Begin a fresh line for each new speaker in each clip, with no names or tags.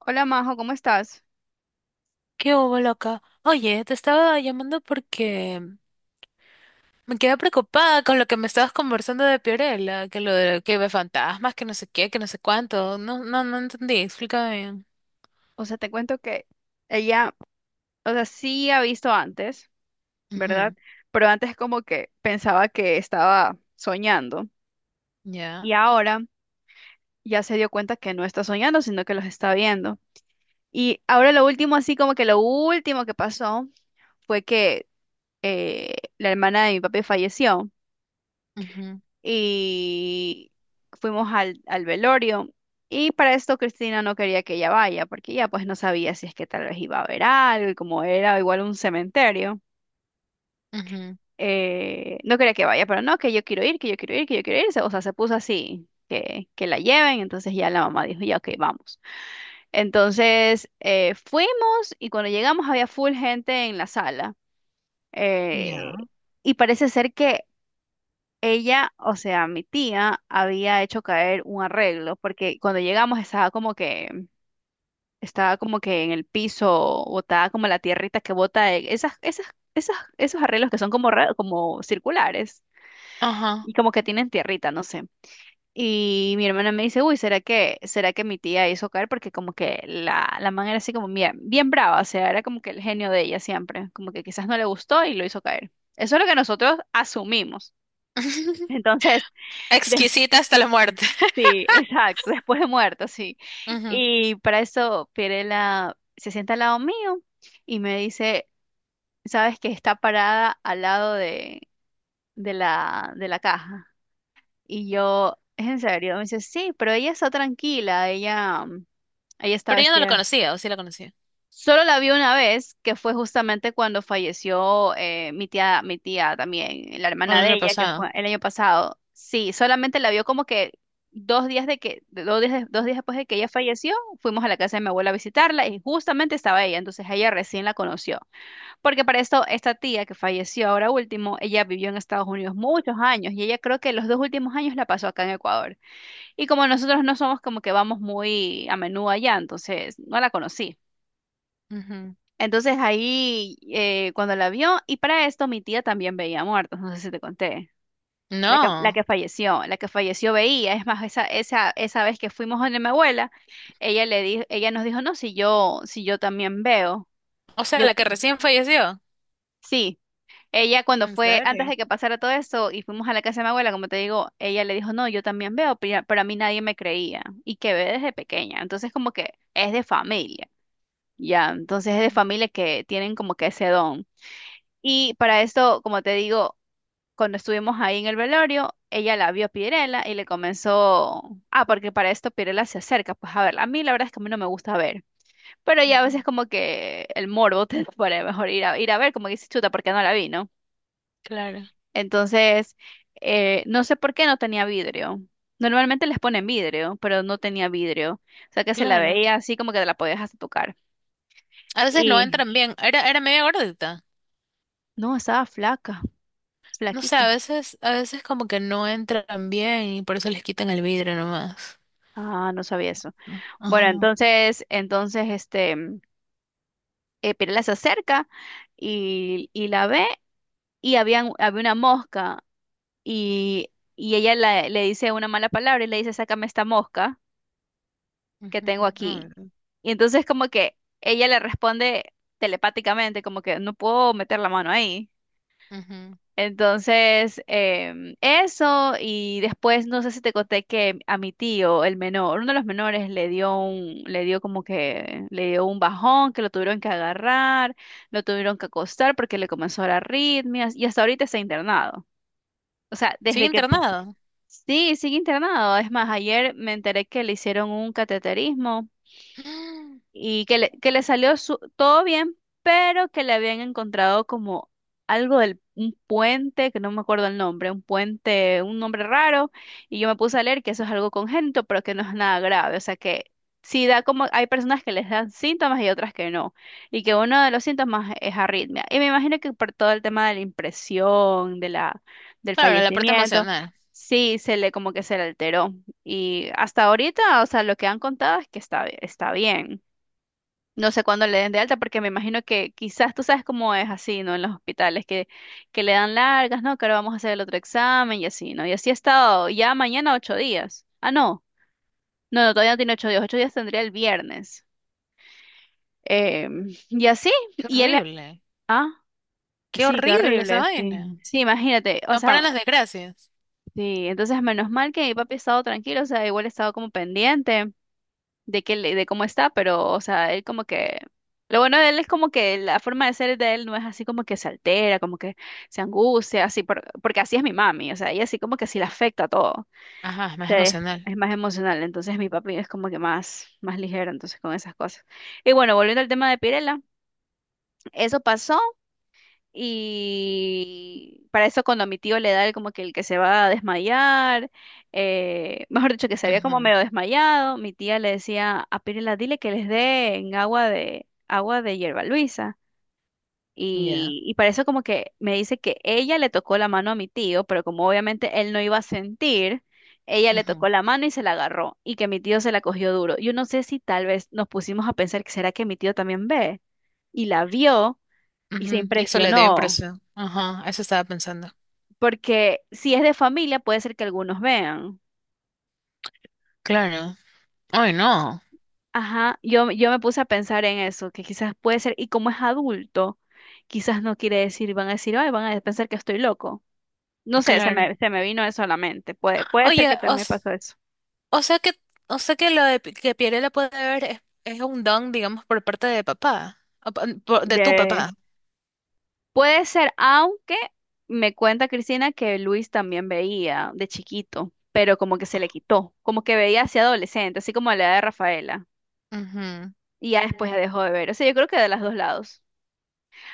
Hola Majo, ¿cómo estás?
¿Qué hubo, loca? Oye, te estaba llamando porque me quedé preocupada con lo que me estabas conversando de Piorella, que lo de que ve fantasmas, que no sé qué, que no sé cuánto. No entendí, explícame bien.
O sea, te cuento que ella, o sea, sí ha visto antes, ¿verdad?
Ujú.
Pero antes como que pensaba que estaba soñando y
Ya.
ahora ya se dio cuenta que no está soñando, sino que los está viendo. Y ahora lo último, así como que lo último que pasó fue que la hermana de mi papi falleció
Ujú.
y fuimos al velorio. Y para esto Cristina no quería que ella vaya, porque ella pues no sabía si es que tal vez iba a haber algo, y como era igual un cementerio,
Ujú.
no quería que vaya, pero no, que yo quiero ir, que yo quiero ir, que yo quiero ir. O sea, se puso así, que la lleven, entonces ya la mamá dijo, ya, ok, vamos. Entonces fuimos y cuando llegamos había full gente en la sala. eh,
Ya.
y parece ser que ella, o sea, mi tía había hecho caer un arreglo porque cuando llegamos estaba como que en el piso botada como la tierrita que bota esas esas esas esos arreglos que son como circulares
Ajá.
y como que tienen tierrita, no sé. Y mi hermana me dice, "Uy, ¿será que mi tía hizo caer porque como que la man era así como bien bien brava, o sea, era como que el genio de ella siempre, como que quizás no le gustó y lo hizo caer." Eso es lo que nosotros asumimos. Entonces,
Exquisita hasta la muerte.
sí, exacto, después de muerto, sí.
Ujú.
Y para eso Pirela se sienta al lado mío y me dice, ¿sabes que está parada al lado de la caja? Y yo, ¿es en serio? Me dice, sí, pero ella está tranquila, ella está
Pero yo no lo
vestida.
conocía, o sí la conocía.
Solo la vi una vez, que fue justamente cuando falleció mi tía también, la hermana
El
de
año
ella, que
pasado.
fue el año pasado. Sí, solamente la vio como que 2 días después de que ella falleció, fuimos a la casa de mi abuela a visitarla y justamente estaba ella, entonces ella recién la conoció. Porque para esto, esta tía que falleció ahora último, ella vivió en Estados Unidos muchos años y ella creo que los 2 últimos años la pasó acá en Ecuador. Y como nosotros no somos como que vamos muy a menudo allá, entonces no la conocí.
Ujú.
Entonces ahí, cuando la vio, y para esto mi tía también veía muertos, no sé si te conté. La que, la
No.
que falleció, la que falleció veía, es más, esa vez que fuimos donde mi abuela, ella nos dijo, no, si yo también veo.
O sea,
Yo,
la que recién falleció.
sí, ella cuando
¿En
fue, antes
serio?
de que pasara todo esto, y fuimos a la casa de mi abuela, como te digo, ella le dijo, no, yo también veo, pero a mí nadie me creía, y que ve desde pequeña. Entonces como que es de familia, ya, entonces es de
Ujú,
familia que tienen como que ese don. Y para esto, como te digo, cuando estuvimos ahí en el velorio, ella la vio a Pirela y le comenzó, ah, porque para esto Pirela se acerca, pues a ver, a mí la verdad es que a mí no me gusta ver, pero ya a veces
ujú.
como que el morbo te para mejor ir a ver, como que dice chuta, porque no la vi, ¿no?
Claro,
Entonces, no sé por qué no tenía vidrio. Normalmente les ponen vidrio, pero no tenía vidrio. O sea que se la
claro.
veía así como que te la podías hasta tocar.
A veces no
Y
entran bien. Era media gordita.
no, estaba flaca,
No sé, a
flaquita.
veces, a veces como que no entran bien y por eso les quitan el vidrio nomás.
Ah, no sabía eso. Bueno,
Ajá.
Entonces, Pirela se acerca y la ve y había una mosca y ella le dice una mala palabra y le dice, sácame esta mosca que
Ujú,
tengo aquí.
ujú,
Y entonces como que ella le responde telepáticamente, como que no puedo meter la mano ahí.
ujú.
Entonces, eso, y después no sé si te conté que a mi tío, el menor, uno de los menores le dio un bajón, que lo tuvieron que agarrar, lo tuvieron que acostar porque le comenzó a dar arritmias, y hasta ahorita está internado. O sea,
Sigue
desde que, pa-
internado.
sí, sigue internado. Es más, ayer me enteré que le hicieron un cateterismo
Mm.
y que le salió todo bien, pero que le habían encontrado como algo del un puente, que no me acuerdo el nombre, un puente, un nombre raro, y yo me puse a leer que eso es algo congénito, pero que no es nada grave, o sea que sí da como, hay personas que les dan síntomas y otras que no, y que uno de los síntomas es arritmia, y me imagino que por todo el tema de la impresión, del
Claro, la parte
fallecimiento.
emocional.
Sí, se le como que se le alteró. Y hasta ahorita, o sea, lo que han contado es que está bien. No sé cuándo le den de alta, porque me imagino que quizás tú sabes cómo es así, ¿no? En los hospitales, que le dan largas, ¿no? Que ahora vamos a hacer el otro examen y así, ¿no? Y así ha estado ya mañana 8 días. Ah, no, no, no, todavía no tiene 8 días, 8 días tendría el viernes. Y así,
Qué
y él,
horrible.
ah,
Qué
sí, qué
horrible esa
horrible,
vaina.
sí. Sí, imagínate, o
No
sea,
paran las desgracias.
sí, entonces menos mal que mi papi ha estado tranquilo, o sea, igual ha estado como pendiente de cómo está, pero, o sea, él como que lo bueno de él es como que la forma de ser de él no es así como que se altera, como que se angustia, así porque así es mi mami, o sea, ella así como que sí le afecta todo.
Ajá, es más
Sí,
emocional.
es más emocional, entonces mi papi es como que más ligero entonces con esas cosas. Y bueno, volviendo al tema de Pirela, eso pasó y para eso cuando a mi tío le da el como que el que se va a desmayar, mejor dicho, que se había como
Ujú.
medio desmayado, mi tía le decía a Pirela, dile que les den agua de hierba Luisa.
Ya.
Y para eso como que me dice que ella le tocó la mano a mi tío, pero como obviamente él no iba a sentir, ella le tocó
Ujú,
la mano y se la agarró, y que mi tío se la cogió duro. Yo no sé si tal vez nos pusimos a pensar que será que mi tío también ve, y la vio y se
ujú. Y eso le dio
impresionó.
impresión. Ajá, eso estaba pensando.
Porque si es de familia puede ser que algunos vean.
Claro. Ay, no.
Ajá, yo me puse a pensar en eso, que quizás puede ser, y como es adulto, quizás no quiere decir, van a decir, ay, van a pensar que estoy loco. No sé,
Claro.
se me vino eso a la mente. Puede ser
Oye,
que también
os...
pasó eso.
O sea que, o sea que lo de pi- que Pirela puede ver es un don, digamos, por parte de papá, o pa- por- de tu
De...
papá.
Puede ser, aunque me cuenta Cristina que Luis también veía de chiquito, pero como que se le quitó, como que veía hacia adolescente, así como la edad de Rafaela,
Ujú,
y ya después ya dejó de ver. O sea, yo creo que de los dos lados.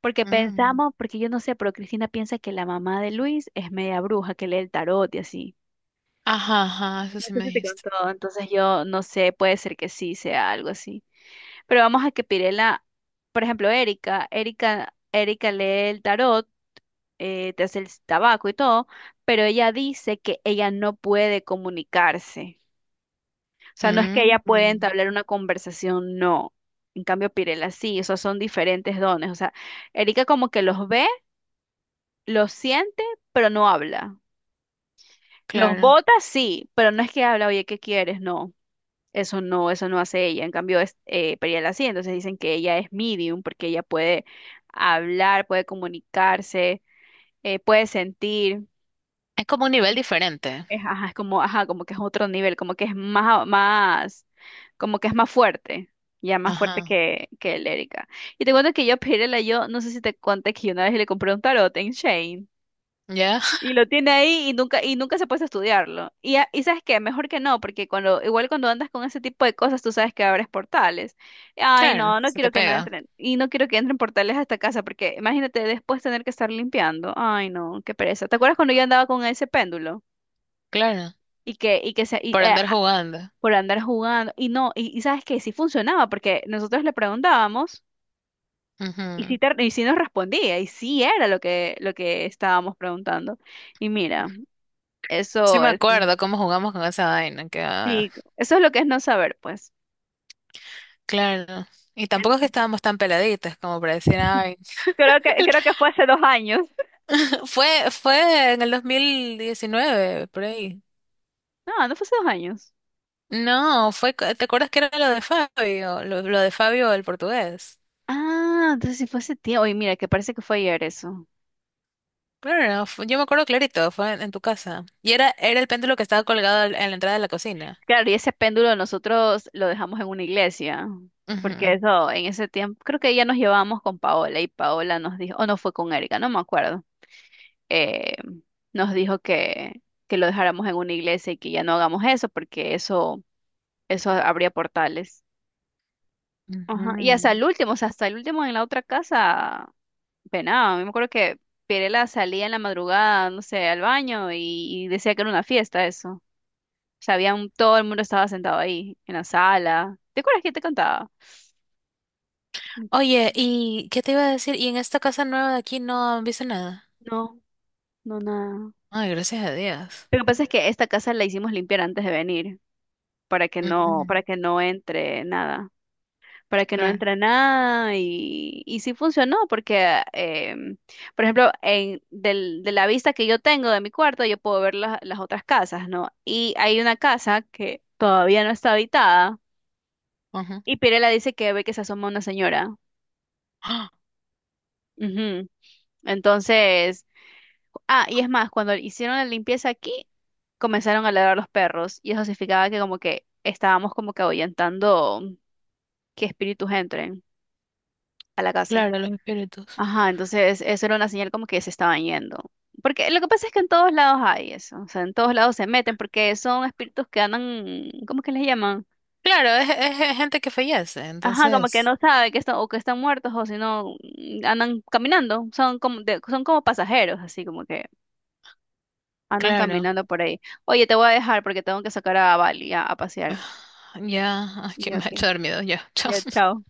Porque
mm.
pensamos, porque yo no sé, pero Cristina piensa que la mamá de Luis es media bruja, que lee el tarot y así.
Ajá, ajá, eso
No
sí
sé
me
si te
dijiste.
contó, entonces yo no sé, puede ser que sí sea algo así. Pero vamos a que Pirela, por ejemplo, Erika lee el tarot, te hace el tabaco y todo, pero ella dice que ella no puede comunicarse. O sea, no es que
Mm,
ella pueda
mm,
entablar una conversación, no. En cambio, Pirela sí, o sea, son diferentes dones. O sea, Erika como que los ve, lo siente, pero no habla. Los
claro.
bota, sí, pero no es que habla, oye, ¿qué quieres? No, eso no, eso no hace ella. En cambio, Periel sí, entonces dicen que ella es medium porque ella puede hablar, puede comunicarse, puede sentir.
Es como un nivel diferente.
Es, ajá, es como, ajá, como que es otro nivel, como que es más, como que es más fuerte, ya más fuerte
Ajá.
que el Erika. Y te cuento que yo, Periela, yo no sé si te conté que yo una vez le compré un tarot en Shane.
¿Ya?
Y lo tiene ahí y nunca se puede estudiarlo. Y sabes qué, mejor que no, porque cuando, igual cuando andas con ese tipo de cosas, tú sabes que abres portales. Ay,
Claro,
no, no
se te
quiero que no
pega.
entren, y no quiero que entren portales a esta casa, porque imagínate después tener que estar limpiando. Ay, no, qué pereza. ¿Te acuerdas cuando yo andaba con ese péndulo?
Claro.
Y que, y que se, y,
Por
eh,
andar jugando.
por andar jugando, y no, y sabes que sí funcionaba, porque nosotros le preguntábamos,
Ujú.
y sí nos respondía, y sí era lo que estábamos preguntando. Y mira,
Sí
eso,
me
eso.
acuerdo cómo jugamos con esa vaina. Que, ah,
Sí, eso es lo que es no saber, pues.
claro. Y tampoco es que
En-
estábamos tan peladitas como para decir, ay.
Creo que fue hace 2 años.
Fue, fue en el 2019 por ahí.
No, no fue hace 2 años.
No, fue, co- ¿te acuerdas que era lo de Fabio? Lo de Fabio, el portugués.
Ah, entonces sí fue hace tiempo. Oye, mira, que parece que fue ayer eso.
Claro, no, fue- yo me acuerdo clarito, fue en tu casa. Y era, era el péndulo que estaba colgado al- en la entrada de la cocina.
Claro, y ese péndulo nosotros lo dejamos en una iglesia, porque
Ujú,
eso, en ese tiempo, creo que ya nos llevábamos con Paola y Paola nos dijo, o no fue con Erika, no me acuerdo. eh, Nos dijo que, lo dejáramos en una iglesia y que ya no hagamos eso, porque eso abría portales. Ajá. Y hasta
ujú.
el último, o sea, hasta el último en la otra casa penado. Yo me acuerdo que Pirela salía en la madrugada, no sé, al baño y decía que era una fiesta eso. O sea, había todo el mundo estaba sentado ahí, en la sala. ¿Te acuerdas que te contaba?
Oye, ¿y qué te iba a decir? ¿Y en esta casa nueva de aquí no han visto nada?
No, no, nada.
Ay, gracias a Dios.
Lo que pasa es que esta casa la hicimos limpiar antes de venir,
Mm,
para que no entre nada. Para que no
claro,
entre nada y sí funcionó porque, por ejemplo, de la vista que yo tengo de mi cuarto, yo puedo ver las otras casas, ¿no? Y hay una casa que todavía no está habitada
ajá.
y Pirela dice que ve que se asoma una señora.
¡Ah!
Ujú. Entonces, ah, y es más, cuando hicieron la limpieza aquí, comenzaron a ladrar los perros y eso significaba que como que estábamos como que ahuyentando que espíritus entren a la casa.
Claro, los espíritus.
Ajá, entonces eso era una señal como que se estaban yendo. Porque lo que pasa es que en todos lados hay eso, o sea, en todos lados se meten porque son espíritus que andan, ¿cómo que les llaman?
Claro, es gente que fallece,
Ajá, como que
entonces,
no saben que están o que están muertos o si no andan caminando, son como pasajeros, así como que andan
claro,
caminando por ahí. Oye, te voy a dejar porque tengo que sacar a Bali a pasear.
ya, ay, que
Ya,
me ha hecho
ok.
dormido ya, chao.
Ya, chao.